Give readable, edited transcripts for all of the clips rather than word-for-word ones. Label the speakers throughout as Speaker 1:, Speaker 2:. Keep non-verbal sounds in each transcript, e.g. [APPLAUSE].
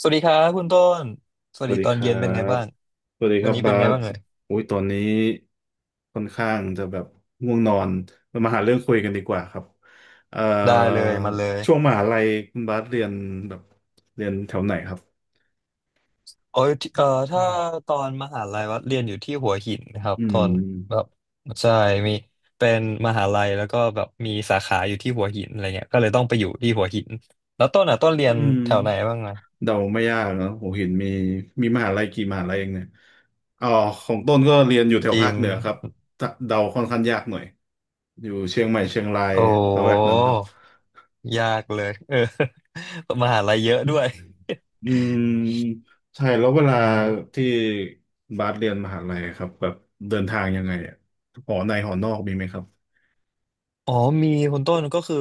Speaker 1: สวัสดีครับคุณต้นส
Speaker 2: ส
Speaker 1: วัส
Speaker 2: วั
Speaker 1: ดี
Speaker 2: สดี
Speaker 1: ตอ
Speaker 2: ค
Speaker 1: น
Speaker 2: รั
Speaker 1: เย็นเป็นไง
Speaker 2: บ
Speaker 1: บ้าง
Speaker 2: สวัสดีค
Speaker 1: วัน
Speaker 2: รับ
Speaker 1: นี้เป็
Speaker 2: บา
Speaker 1: นไง
Speaker 2: ส
Speaker 1: บ้างเอ่ย
Speaker 2: อุ้ยตอนนี้ค่อนข้างจะแบบง่วงนอนเรามาหาเรื่องคุยกันดีกว่าครับเอ่อ
Speaker 1: ได้เลยมาเลย
Speaker 2: ช่วงมหาลัยคุณบาสเรียนแบบเรียนแถวไหนครับ
Speaker 1: โอ้ยที่
Speaker 2: อื
Speaker 1: ถ้า
Speaker 2: ม
Speaker 1: ตอนมหาลัยวัดเรียนอยู่ที่หัวหินนะครับ
Speaker 2: อื
Speaker 1: ตอนแบ
Speaker 2: ม
Speaker 1: บใช่มีเป็นมหาลัยแล้วก็แบบมีสาขาอยู่ที่หัวหินอะไรเงี้ยก็เลยต้องไปอยู่ที่หัวหินแล้วต้นอ่ะต้นเรีย
Speaker 2: อื
Speaker 1: น
Speaker 2: ม
Speaker 1: แถวไหนบ้างไง
Speaker 2: เดาไม่ยากเนอะผมเห็นมีมหาลัยกี่มหาลัยเองเนี่ยอ๋อของต้นก็เรียนอยู่แถ
Speaker 1: จ
Speaker 2: ว
Speaker 1: ริ
Speaker 2: ภาค
Speaker 1: ง
Speaker 2: เหนือครับเดาค่อนข้างยากหน่อยอยู่เชียงใหม่เชียงราย
Speaker 1: โอ้
Speaker 2: ละแวกนั้นครับ
Speaker 1: ยากเลยเออ [LAUGHS] มหาลัยเยอะด้วย
Speaker 2: อืมใช่แล้วเวลา
Speaker 1: ใช่
Speaker 2: ที่บาสเรียนมหาลัยครับแบบเดินทางยังไงอะหอในหอนอกมีไหมครับ
Speaker 1: อ๋อมีคุณต้นก็คือ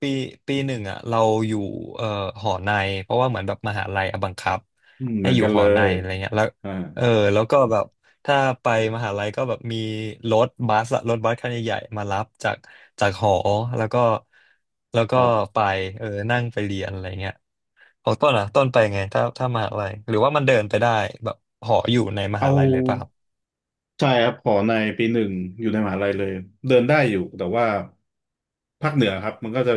Speaker 1: ปีปีหนึ่งอ่ะเราอยู่เอ่อหอในเพราะว่าเหมือนแบบมหาลัยอะบังคับ
Speaker 2: อืมเห
Speaker 1: ให้
Speaker 2: มือน
Speaker 1: อยู่
Speaker 2: กัน
Speaker 1: ห
Speaker 2: เล
Speaker 1: อใน
Speaker 2: ย
Speaker 1: อะไรเงี้ยแล้ว
Speaker 2: อ่า
Speaker 1: เออแล้วก็แบบถ้าไปมหาลัยก็แบบมีรถบัสอะรถบัสคันใหญ่ๆมารับจากจากหอแล้วก็แล้ว
Speaker 2: ค
Speaker 1: ก็
Speaker 2: รับ
Speaker 1: ไปเออนั่งไปเรียนอะไรเงี้ยของต้นอ่ะต้นไปไงถ้ามหาลัยหรือว่ามันเดินไปได้แบบหออยู่ในมหา
Speaker 2: เอา
Speaker 1: ลัยเลยป่ะครับ
Speaker 2: ใช่ครับหอในปีหนึ่งอยู่ในมหาลัยเลยเดินได้อยู่แต่ว่าภาคเหนือครับมันก็จะ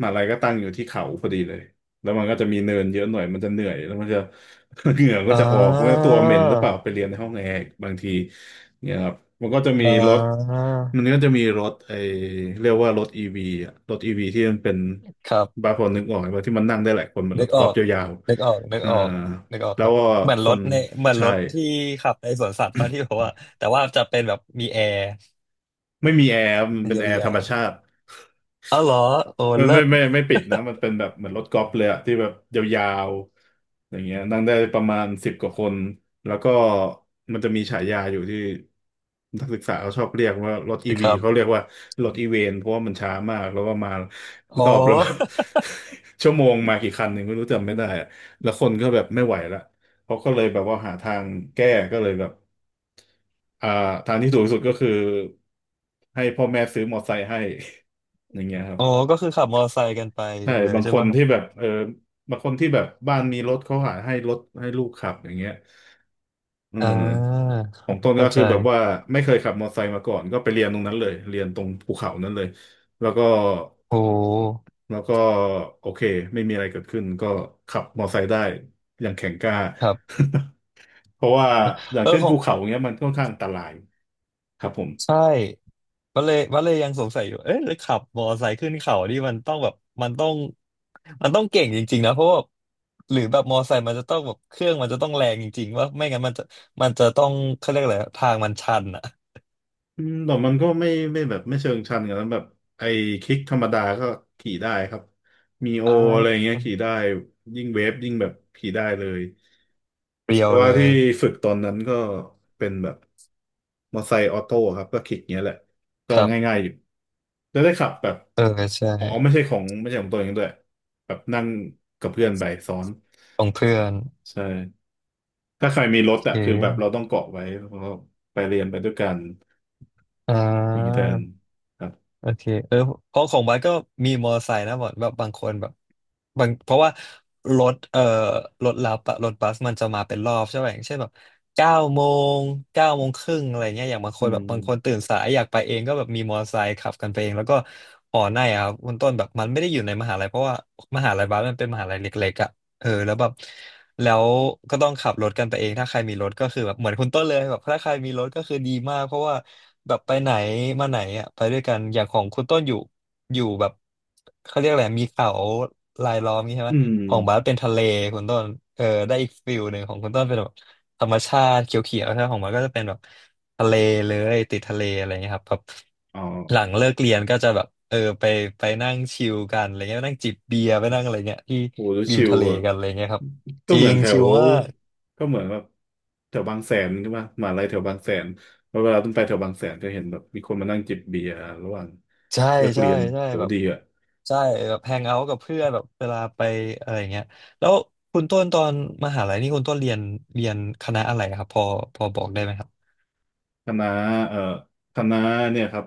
Speaker 2: มหาลัยก็ตั้งอยู่ที่เขาพอดีเลย แล้วมันก็จะมีเนินเยอะหน่อย มันจะเหนื่อยแล้วมันจะ [LAUGHS] เหงื่อก็
Speaker 1: อ่
Speaker 2: จะออกมันก็
Speaker 1: า
Speaker 2: ตัวเหม็นหรือเปล่าไปเรียนในห้องแอร์กบางทีเนี่ยครับมันก็จะมี
Speaker 1: อ่
Speaker 2: รถ
Speaker 1: า
Speaker 2: มันก็จะมีรถไอเรียกว่ารถอีวีอะรถอีวีที่มันเป็น
Speaker 1: ครั
Speaker 2: บาง
Speaker 1: บ
Speaker 2: คนนึกออกไหมว่าที่มันนั่งได้หลายคนเหมือน
Speaker 1: นึ
Speaker 2: ร
Speaker 1: ก
Speaker 2: ถ
Speaker 1: อ
Speaker 2: กอ
Speaker 1: อ
Speaker 2: ล์ฟ
Speaker 1: ก
Speaker 2: ยาว
Speaker 1: นึกออกนึ
Speaker 2: ๆ
Speaker 1: ก
Speaker 2: อ่า
Speaker 1: ออกนึกออก
Speaker 2: แล้
Speaker 1: ค
Speaker 2: ว
Speaker 1: รับ
Speaker 2: ก็
Speaker 1: เหมือน
Speaker 2: ค
Speaker 1: รถ
Speaker 2: น
Speaker 1: ในเหมือน
Speaker 2: ใช่
Speaker 1: รถที่ขับในสวนสัตว์ป่ะที่บอกว่าแต่ว่าจะเป็นแบบมีแอร์
Speaker 2: ไม่มีแอร์มันเป็น
Speaker 1: ยา
Speaker 2: แอร์ธรรม
Speaker 1: ว
Speaker 2: ชาติ [LAUGHS]
Speaker 1: ๆอ้าวเหรอ โอ้
Speaker 2: มัน
Speaker 1: เลิ
Speaker 2: ไม่
Speaker 1: ศ
Speaker 2: ไม่ไม่ปิดนะมันเป็นแบบเหมือนรถกอล์ฟเลยอะที่แบบยาวๆอย่างเงี้ยนั่งได้ประมาณสิบกว่าคนแล้วก็มันจะมีฉายาอยู่ที่นักศึกษาเขาชอบเรียกว่ารถอี
Speaker 1: [LAUGHS] ค
Speaker 2: วี
Speaker 1: รับ
Speaker 2: เขาเรียกว่ารถอีเวนเพราะว่ามันช้ามากแล้วก็มา
Speaker 1: อ๋อ
Speaker 2: รอบละแบบ [LAUGHS] ชั่วโมงมากี่คันหนึ่งไม่รู้จำไม่ได้อะแล้วคนก็แบบไม่ไหวละเขาก็เลยแบบว่าหาทางแก้ก็เลยแบบ อ่าทางที่ถูกที่สุดก็คือให้พ่อแม่ซื้อมอเตอร์ไซค์ให้ [LAUGHS] อย่างเงี้ยครับ
Speaker 1: อ๋อก็คือขับมอเตอร์ไซค์กันไป
Speaker 2: ใช่
Speaker 1: เลย
Speaker 2: บาง
Speaker 1: ใช่
Speaker 2: ค
Speaker 1: ไหม
Speaker 2: น
Speaker 1: ครับ
Speaker 2: ที่แบบเออบางคนที่แบบบ้านมีรถเขาหาให้รถให้ลูกขับอย่างเงี้ยอื
Speaker 1: อ่
Speaker 2: ม
Speaker 1: า
Speaker 2: ของต้นก็
Speaker 1: เข้า
Speaker 2: คือแบบว่า
Speaker 1: ใจ
Speaker 2: ไม่เคยขับมอเตอร์ไซค์มาก่อนก็ไปเรียนตรงนั้นเลยเรียนตรงภูเขานั้นเลยแล้วก็
Speaker 1: โอ้
Speaker 2: แล้วก็โอเคไม่มีอะไรเกิดขึ้นก็ขับมอเตอร์ไซค์ได้อย่างแข็งกล้า
Speaker 1: ครับ
Speaker 2: [LAUGHS] เพราะว่าอย่าง
Speaker 1: เออ
Speaker 2: เช่น
Speaker 1: ขอ
Speaker 2: ภู
Speaker 1: ง
Speaker 2: เขาเงี้ยมันค่อนข้างอันตรายครับผม
Speaker 1: ใช่วัดเลยวัดเลยยังสงสัยอยู่ เอ๊ะแล้วขับมอเตอร์ไซค์ขึ้นเขานี่มันต้องแบบมันต้องมันต้องเก่งจริงๆนะ เพราะว่า หรือแบบมอเตอร์ไซค์มันจะต้องแบบเครื่องมันจะต้องแรงจริงๆว่าไม่งั้นมันจะมันจะต้องเขาเรียกอะไรอะทางมันชันอ่ะ
Speaker 2: อืมแต่มันก็ไม่แบบไม่เชิงชันกันนั้นแบบไอ้คลิกธรรมดาก็ขี่ได้ครับมีโอ
Speaker 1: อ่
Speaker 2: อะไร
Speaker 1: า
Speaker 2: เงี้ยขี่ได้ยิ่งเวฟยิ่งแบบขี่ได้เลย
Speaker 1: เปรีย
Speaker 2: แต่
Speaker 1: วเล
Speaker 2: ว่าที่
Speaker 1: ย
Speaker 2: ฝึกตอนนั้นก็เป็นแบบมอไซค์ออโต้ครับก็คลิกเงี้ยแหละก็
Speaker 1: ครับ
Speaker 2: ง่ายๆอยู่แล้วได้ขับแบบ
Speaker 1: เออใช่
Speaker 2: อ๋อไม่ใช่ของตัวเองด้วยแบบนั่งกับเพื่อนไปซ้อน
Speaker 1: ของเพื่อน
Speaker 2: ใช่ถ้าใครมีรถ
Speaker 1: โอเ
Speaker 2: อะคือแบบเรา
Speaker 1: ค
Speaker 2: ต้องเกาะไว้แล้วก็ไปเรียนไปด้วยกัน
Speaker 1: อ่
Speaker 2: อย่างนี้แทน
Speaker 1: า
Speaker 2: ครับ
Speaker 1: โอเคเออเพราะของบัสก็มีมอเตอร์ไซค์นะแบอแบบบางคนแบบบางเพราะว่ารถรถรับอะรถบัสมันจะมาเป็นรอบใช่ไหมอย่างเช่นแบบเก้าโมงเก้าโมงครึ่งอะไรเงี้ยอย่างบางค
Speaker 2: อื
Speaker 1: นแบบบางคน
Speaker 2: ม
Speaker 1: ตื่นสายอยากไปเองก็แบบมีมอเตอร์ไซค์ขับกันไปเอง แล้วก็หอในอะครับคุณต้นแบบมันไม่ได้อยู่ในมหาลัยเพราะว่ามหาลัยบัสมันเป็นมหาลัยเล็กๆอะ เออแล้วแบบแล้วก็ต้องขับรถกันไปเองถ้าใครมีรถก็คือแบบเหมือนคุณต้นเลยแบบถ้าใครมีรถก็คือดีมากเพราะว่าแบบไปไหนมาไหนอ่ะไปด้วยกันอย่างของคุณต้นอยู่แบบเขาเรียกอะไรมีเขารายล้อมงี้ใช่ไหม
Speaker 2: อื
Speaker 1: ของบาส
Speaker 2: ม
Speaker 1: เป็นทะเลคุณต้นเออได้อีกฟิลหนึ่งของคุณต้นเป็นแบบธรรมชาติเขียวๆใช่ไหมของบาสก็จะเป็นแบบ ทะเลเลยติดทะเลอะไรเงี้ยครับแบบ
Speaker 2: อ๋อ
Speaker 1: หลังเลิกเรียนก็จะแบบเออไปไปนั่งชิลกันอะไรเงี้ยไปนั่งจิบเบียร์ไปนั่งอะไรเงี้ยที่
Speaker 2: โหแล้ว
Speaker 1: ริม
Speaker 2: ชิว
Speaker 1: ทะเล
Speaker 2: อะ
Speaker 1: กันอะไรเงี้ยครับ
Speaker 2: ก็
Speaker 1: จริ
Speaker 2: เหมือ
Speaker 1: ง
Speaker 2: นแถ
Speaker 1: ชิ
Speaker 2: ว
Speaker 1: ลมาก
Speaker 2: ก็เหมือนแบบแถวบางแสนใช่ปะมหาลัยแถวบางแสนแล้วเวลาต้องไปแถวบางแสนจะเห็นแบบมีคนมานั่งจิบเบียร์ระหว่าง
Speaker 1: ใช่
Speaker 2: เลิก
Speaker 1: ใช่
Speaker 2: เรียน
Speaker 1: ใช่
Speaker 2: โห
Speaker 1: แบบ
Speaker 2: ดีอ่ะ
Speaker 1: ใช่แบบแฮงเอาท์กับเพื่อนแบบเวลาไปอะไรเงี้ยแล้วคุณต้นตอนมหาลัยนี่คุณต้นเรียนเรียนคณะอะไรครับพอบอกได้ไหมครับ
Speaker 2: คณะเอ่อคณะเนี่ยครับ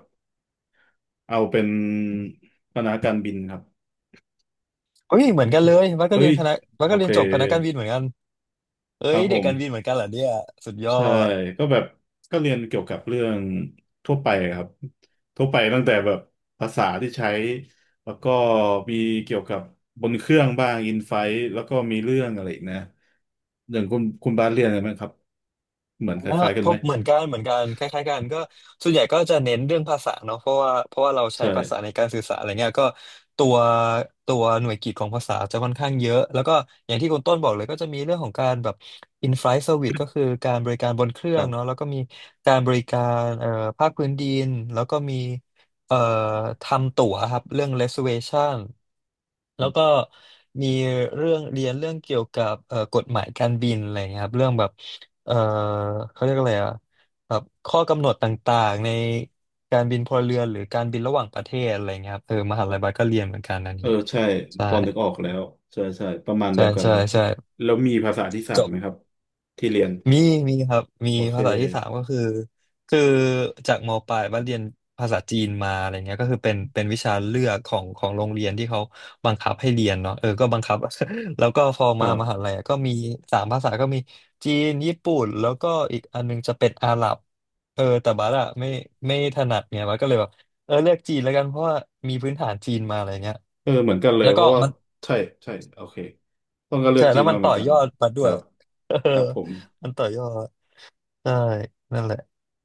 Speaker 2: เอาเป็นคณะการบินครับ
Speaker 1: เฮ้ยเห
Speaker 2: โอ
Speaker 1: มือนกัน
Speaker 2: เค
Speaker 1: เลยวัดก็
Speaker 2: เฮ้
Speaker 1: เรีย
Speaker 2: ย
Speaker 1: นคณะวัด
Speaker 2: โอ
Speaker 1: ก็เรี
Speaker 2: เค
Speaker 1: ยนจบคณะการบินเหมือนกันเอ้
Speaker 2: ครั
Speaker 1: ย
Speaker 2: บผ
Speaker 1: เด็ก
Speaker 2: ม
Speaker 1: การบินเหมือนกันเหรอเนี่ยสุดยอ
Speaker 2: ใช่
Speaker 1: ด
Speaker 2: ก็แบบก็เรียนเกี่ยวกับเรื่องทั่วไปครับทั่วไปตั้งแต่แบบภาษาที่ใช้แล้วก็มีเกี่ยวกับบนเครื่องบ้างอินไฟท์แล้วก็มีเรื่องอะไรอีกนะอย่างคุณบาสเรียนอะไรไหมครับเหมือนค
Speaker 1: เออ
Speaker 2: ล้ายๆกั
Speaker 1: พ
Speaker 2: นไหม
Speaker 1: บเหมือนกันเหมือนกันคล้ายๆกันก็ส่วนใหญ่ก็จะเน้นเรื่องภาษาเนาะเพราะว่าเราใช้
Speaker 2: ใช่
Speaker 1: ภาษาในการสื่อสารอะไรเงี้ยก็ตัวตัวหน่วยกิตของภาษาจะค่อนข้างเยอะแล้วก็อย่างที่คุณต้นบอกเลยก็จะมีเรื่องของการแบบ in-flight service ก็คือการบริการบนเครื่
Speaker 2: ค
Speaker 1: อง
Speaker 2: รั
Speaker 1: เนาะแล้
Speaker 2: บ
Speaker 1: วก็มีการบริการภาคพื้นดินแล้วก็มี เอ่อทำตั๋วครับเรื่อง reservation แล้วก็มีเรื่องเรียนเรื่องเกี่ยวกับกฎหมายการบินอะไรเงี้ยครับเรื่องแบบเอ่อเขาเรียกอะไรอะแบบข้อกำหนดต่างๆในการบินพลเรือนหรือการบินระหว่างประเทศอะไรเงี้ยครับเออมหาลัยบัสก็เรียนเหมือนกันอัน
Speaker 2: เออ
Speaker 1: นี้
Speaker 2: ใช่
Speaker 1: ใช่
Speaker 2: พอนึกออกแล้วใช่ใช่ประมาณ
Speaker 1: ใช่
Speaker 2: เดียวกัน
Speaker 1: ใช่
Speaker 2: เลย
Speaker 1: ใช่
Speaker 2: แล้วมีภาษาที่สา
Speaker 1: จ
Speaker 2: ม
Speaker 1: บ
Speaker 2: ไหมครับที่เรียน
Speaker 1: มีมีครับมี
Speaker 2: โอเค
Speaker 1: ภาษาที่สามก็คือคือจากมปลายว่าเรียนภาษาจีนมาอะไรเงี้ยก็คือเป็นวิชาเลือกของโรงเรียนที่เขาบังคับให้เรียนเนาะเออก็บังคับ [LAUGHS] แล้วก็พอ
Speaker 2: ค
Speaker 1: มา
Speaker 2: รั
Speaker 1: มหา
Speaker 2: บ
Speaker 1: ลัยอะก็มีสามภาษาก็มีจีนญี่ปุ่นแล้วก็อีกอันนึงจะเป็นอาหรับเออแต่บัสอะไม่ถนัดเนี่ยบัสก็เลยแบบเออเลือกจีนแล้วกันเพราะว่ามีพื้นฐานจีนมาอะไรเงี้ย
Speaker 2: เออเหมือนกันเลย
Speaker 1: แล้ว
Speaker 2: เพ
Speaker 1: ก็
Speaker 2: ราะว่า
Speaker 1: มัน
Speaker 2: ใช่ใช่โอเคต้องก็เลื
Speaker 1: ใช่
Speaker 2: อกจี
Speaker 1: แล้ว
Speaker 2: น
Speaker 1: มั
Speaker 2: มา
Speaker 1: น
Speaker 2: เหมื
Speaker 1: ต่
Speaker 2: อ
Speaker 1: อ
Speaker 2: นกั
Speaker 1: ย
Speaker 2: น
Speaker 1: อดบัส
Speaker 2: ค
Speaker 1: ด้ว
Speaker 2: รั
Speaker 1: ย
Speaker 2: บ
Speaker 1: [LAUGHS] เอ
Speaker 2: ค
Speaker 1: อ
Speaker 2: รับผม
Speaker 1: มันต่อยอด ใช่นั่นแหละ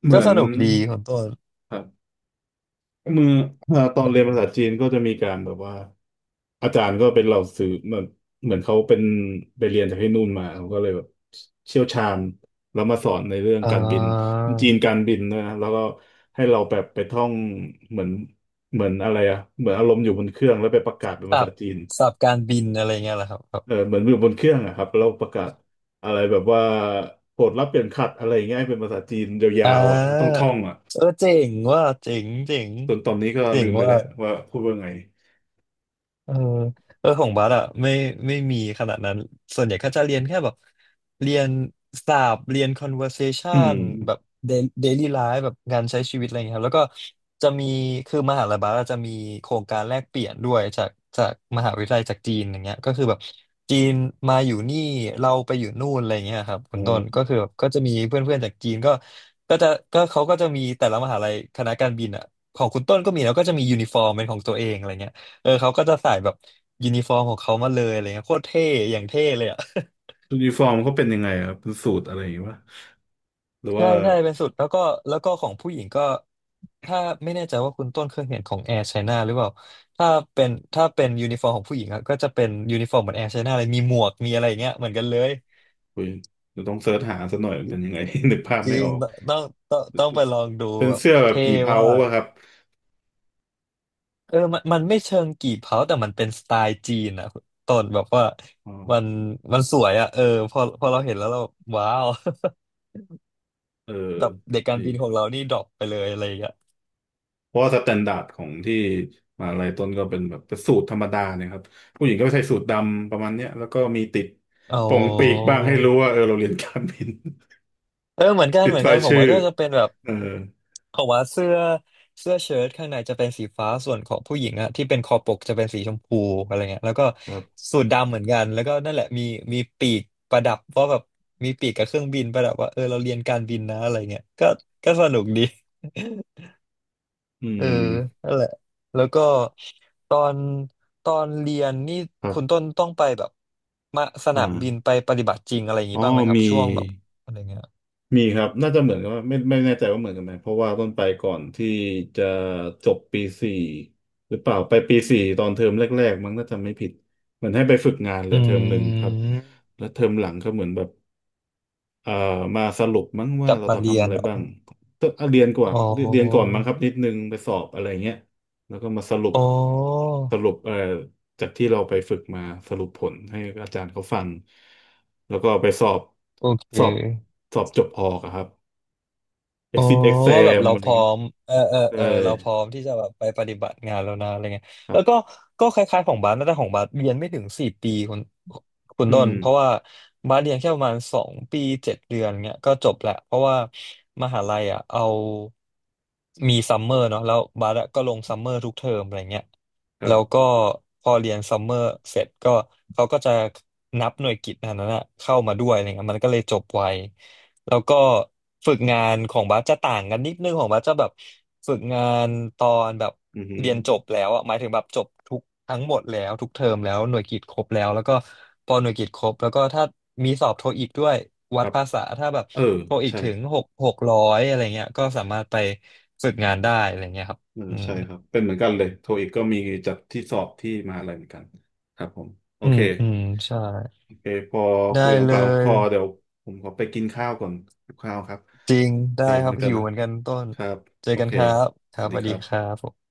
Speaker 2: เห
Speaker 1: ก็
Speaker 2: มือ
Speaker 1: ส
Speaker 2: น
Speaker 1: นุกดีของต้น
Speaker 2: ครับเมื่อตอนเรียนภาษาจีนก็จะมีการแบบว่าอาจารย์ก็เป็นเหล่าสื่อเหมือนเหมือนเขาเป็นไปเรียนจากที่นู่นมาเขาก็เลยแบบเชี่ยวชาญแล้วมาสอนในเรื่อง
Speaker 1: อ่
Speaker 2: การบิน
Speaker 1: า
Speaker 2: จีนการบินนะแล้วก็ให้เราแบบไปท่องเหมือนเหมือนอะไรอะเหมือนอารมณ์อยู่บนเครื่องแล้วไปประกาศเป็นภา
Speaker 1: สั
Speaker 2: ษา
Speaker 1: บ
Speaker 2: จีน
Speaker 1: สับการบินอะไรเงี้ยแหละครับครับ
Speaker 2: เออเหมือนอยู่บนเครื่องอะครับแล้วประกาศอะไรแบบว่าโปรดรับเปลี่ยนขัดอะไรอย่างเงี้ยให้เป็นภาษาจีนย
Speaker 1: อ่
Speaker 2: าวๆอ่ะต้อง
Speaker 1: า
Speaker 2: ท่องอ่ะ
Speaker 1: เออเจ๋งว่าเจ๋งเจ๋ง
Speaker 2: จนตอนนี้ก็
Speaker 1: เจ๋
Speaker 2: ลื
Speaker 1: ง
Speaker 2: มไป
Speaker 1: ว่า
Speaker 2: แล้วว่าพูดว่าไง
Speaker 1: เออเออของบัสอะไม่มีขนาดนั้น ส่วนใหญ่ก็จะเรียนแค่แบบเรียนศัพท์เรียน
Speaker 2: อืม
Speaker 1: conversation แบบ daily life แบบงานใช้ชีวิตอะไรอย่างเงี้ยครับแล้วก็จะมีคือมหาลัยบัสอะจะมีโครงการแลกเปลี่ยนด้วยจากมหาวิทยาลัยจากจีนอย่างเงี้ยก็คือแบบจีนมาอยู่นี่เราไปอยู่นู่นอะไรอย่างเงี้ยครับคุ
Speaker 2: อ๋
Speaker 1: ณต้นก็
Speaker 2: อ
Speaker 1: คือแบบก็จะมีเพื่อนๆจากจีนก็ก็จะเขาก็จะมีแต่ละมหาลัยคณะการบินอะของคุณต้นก็มีแล้วก็จะมียูนิฟอร์มเป็นของตัวเองอะไรเงี้ย เออเขาก็จะใส่แบบยูนิฟอร์มของเขามาเลยอะไรเงี้ยโคตรเท่อย่างเท่เลยอ่ะ [LAUGHS]
Speaker 2: ยูนิฟอร์มเขาเป็นยังไงครับเป็นสูตรอะไรอย่างเงี้ยวะหรือ
Speaker 1: ใช่
Speaker 2: ว่า
Speaker 1: ใช่เป็นสุดแล้วก็แล้วก็ของผู้หญิงก็ถ้าไม่แน่ใจว่าคุณต้นเคยเห็นของแอร์ไชน่าหรือเปล่าถ้าเป็นถ้าเป็นยูนิฟอร์มของผู้หญิงอะก็จะเป็นยูนิฟอร์มเหมือนแอร์ไชน่าเลยมีหมวกมีอะไรอย่างเงี้ยเหมือนกันเลย
Speaker 2: อุยเดี๋ยวต้องเสิร์ชหาสักหน่อยมันเป็นยังไง [LAUGHS] นึกภาพ
Speaker 1: จริ
Speaker 2: ไม่อ
Speaker 1: ง
Speaker 2: อก
Speaker 1: ต้องต้องไปลองดู
Speaker 2: เป็น
Speaker 1: แบบ
Speaker 2: เสื้อแบบ
Speaker 1: เท่
Speaker 2: กี่เพา
Speaker 1: ว่า
Speaker 2: ปะครับ
Speaker 1: กเออมันไม่เชิงกี่เผาแต่มันเป็นสไตล์จีนอะคุณต้นแบบว่า
Speaker 2: อ๋อ
Speaker 1: มันมันสวยอะเออพอเราเห็นแล้วเราว้าว
Speaker 2: เออ
Speaker 1: แบบเด็กการ
Speaker 2: ดี
Speaker 1: บินของเรานี่ดรอปไปเลยอะไรอย่างเงี้ย
Speaker 2: เพราะว่าสแตนดาร์ดของที่มหาลัยต้นก็เป็นแบบเป็นสูตรธรรมดาเนี่ยครับผู้หญิงก็ใส่สูทดำประมาณเนี้ยแล้วก็มีติด
Speaker 1: อ๋อ
Speaker 2: โป่งปีกบ้างให้รู้ว่าเออเราเรียนการบิน
Speaker 1: เออเหมือนกั
Speaker 2: [LAUGHS]
Speaker 1: น
Speaker 2: ติ
Speaker 1: เห
Speaker 2: ด
Speaker 1: มือนกั
Speaker 2: รา
Speaker 1: น
Speaker 2: ย
Speaker 1: ของวั
Speaker 2: ชื่อ
Speaker 1: ดก็จะเป็นแบบ
Speaker 2: เออ
Speaker 1: ของวัดเสื้อเสื้อเชิ้ตข้างในจะเป็นสีฟ้าส่วนของผู้หญิงอะที่เป็นคอปกจะเป็นสีชมพูอะไรเงี้ยแล้วก็
Speaker 2: ครับ
Speaker 1: สูทดำเหมือนกันแล้วก็นั่นแหละมีมีปีกประดับว่าแบบมีปีกกับเครื่องบินประดับว่าเออเราเรียนการบินนะอะไรเงี้ยก็ก็สนุกดี
Speaker 2: อื
Speaker 1: เออ
Speaker 2: ม
Speaker 1: นั่นแหละแล้วก็ตอนตอนเรียนนี่
Speaker 2: ครั
Speaker 1: คุณต้
Speaker 2: บ
Speaker 1: นต้องไปแบบมาสนามบิน
Speaker 2: อ่า
Speaker 1: ไปปฏิบัติจริงอะไรอย่าง
Speaker 2: อ๋อ
Speaker 1: นี้บ้างไหมครับ
Speaker 2: มี
Speaker 1: ช่วงแบบอะไรเงี้ย
Speaker 2: ครับน่าจะเหมือนกันว่าไม่แน่ใจว่าเหมือนกันไหมเพราะว่าต้นไปก่อนที่จะจบปีสี่หรือเปล่าไปปีสี่ตอนเทอมแรกๆมั้งน่าจะไม่ผิดเหมือนให้ไปฝึกงานเหลื
Speaker 1: อื
Speaker 2: อเทอมหนึ่งครับ
Speaker 1: ม
Speaker 2: แล้วเทอมหลังก็เหมือนแบบ เอ่อมาสรุปมั้ง
Speaker 1: ก
Speaker 2: ว่า
Speaker 1: ลับ
Speaker 2: เรา
Speaker 1: มา
Speaker 2: จะ
Speaker 1: เรีย
Speaker 2: ทำ
Speaker 1: น
Speaker 2: อะไร
Speaker 1: เหรอ
Speaker 2: บ้างก็เรียนก่อน
Speaker 1: อ๋อ
Speaker 2: มั้งครับนิดนึงไปสอบอะไรเงี้ยแล้วก็มาสรุป
Speaker 1: อ๋อ
Speaker 2: สรุปจากที่เราไปฝึกมาสรุปผลให้อาจารย์เขาฟังแล้วก็ไปสอบ
Speaker 1: โอเค
Speaker 2: สอบสอบจบออกอะครับ
Speaker 1: อ๋อ
Speaker 2: exit
Speaker 1: ว่าแบบ
Speaker 2: exam
Speaker 1: เรา
Speaker 2: อะไร
Speaker 1: พร้อ
Speaker 2: เงี้ย
Speaker 1: มเออเออ
Speaker 2: ใช่
Speaker 1: เออเราพร้อมที่จะแบบไปปฏิบัติงานแล้วนะอะไรเงี้ย
Speaker 2: ครั
Speaker 1: แล้วก็
Speaker 2: บ
Speaker 1: ก็คล้ายๆของบาสนะแต่ของบาสเรียนไม่ถึง4 ปีคุณ
Speaker 2: อื
Speaker 1: ต้น
Speaker 2: ม
Speaker 1: เพราะว่าบาสเรียนแค่ประมาณ2 ปี7 เดือนเงี้ยก็จบแหละ เพราะว่ามหาลัยอ่ะเอามีซัมเมอร์เนาะแล้วบาสอะก็ลงซัมเมอร์ทุกเทอมอะไรเงี้ย
Speaker 2: ครั
Speaker 1: แล้วก็
Speaker 2: บ
Speaker 1: พอเรียนซัมเมอร์เสร็จก็ เขาก็จะนับหน่วยกิตอันนั้นอะเข้ามาด้วยอะไรเงี้ยมันก็เลยจบไว แล้วก็ฝึกงานของบัสจะต่างกันนิดนึงของบัสจะแบบฝึกงานตอนแบบ
Speaker 2: อือฮึ
Speaker 1: เรียนจบแล้วอะหมายถึงแบบจบทั้งหมดแล้วทุกเทอมแล้วหน่วยกิตครบแล้วแล้วก็พอหน่วยกิตครบแล้วก็ถ้ามีสอบโทอีกด้วย
Speaker 2: ค
Speaker 1: วัด
Speaker 2: รับ
Speaker 1: ภาษาถ้าแบบ
Speaker 2: เออ
Speaker 1: โทอีก
Speaker 2: ใช่
Speaker 1: ถึงหกร้อยอะไรเงี้ยก็สามารถไปฝึกงานได้อะไรเงี้ยครับ
Speaker 2: เออ
Speaker 1: อืม
Speaker 2: ใช่ครับเป็นเหมือนกันเลยโทอีกก็มีจัดที่สอบที่มหาลัยเหมือนกันครับผมโอ
Speaker 1: อื
Speaker 2: เค
Speaker 1: มอืมใช่
Speaker 2: โอเคพอ
Speaker 1: ได้
Speaker 2: คุยของ
Speaker 1: เล
Speaker 2: ปากของค
Speaker 1: ย
Speaker 2: อเดี๋ยวผมขอไปกินข้าวก่อนกินข้าวครับ
Speaker 1: จริง
Speaker 2: โอเค
Speaker 1: ได้ค
Speaker 2: เห
Speaker 1: รั
Speaker 2: มื
Speaker 1: บ
Speaker 2: อนกัน
Speaker 1: หิว
Speaker 2: นะ
Speaker 1: เหมือนกันต้น
Speaker 2: ครับ
Speaker 1: เจอ
Speaker 2: โอ
Speaker 1: กัน
Speaker 2: เค
Speaker 1: ครับค
Speaker 2: ส
Speaker 1: รั
Speaker 2: วั
Speaker 1: บ
Speaker 2: ส
Speaker 1: ส
Speaker 2: ดี
Speaker 1: วัส
Speaker 2: ค
Speaker 1: ดี
Speaker 2: รั
Speaker 1: ครั
Speaker 2: บ
Speaker 1: บผม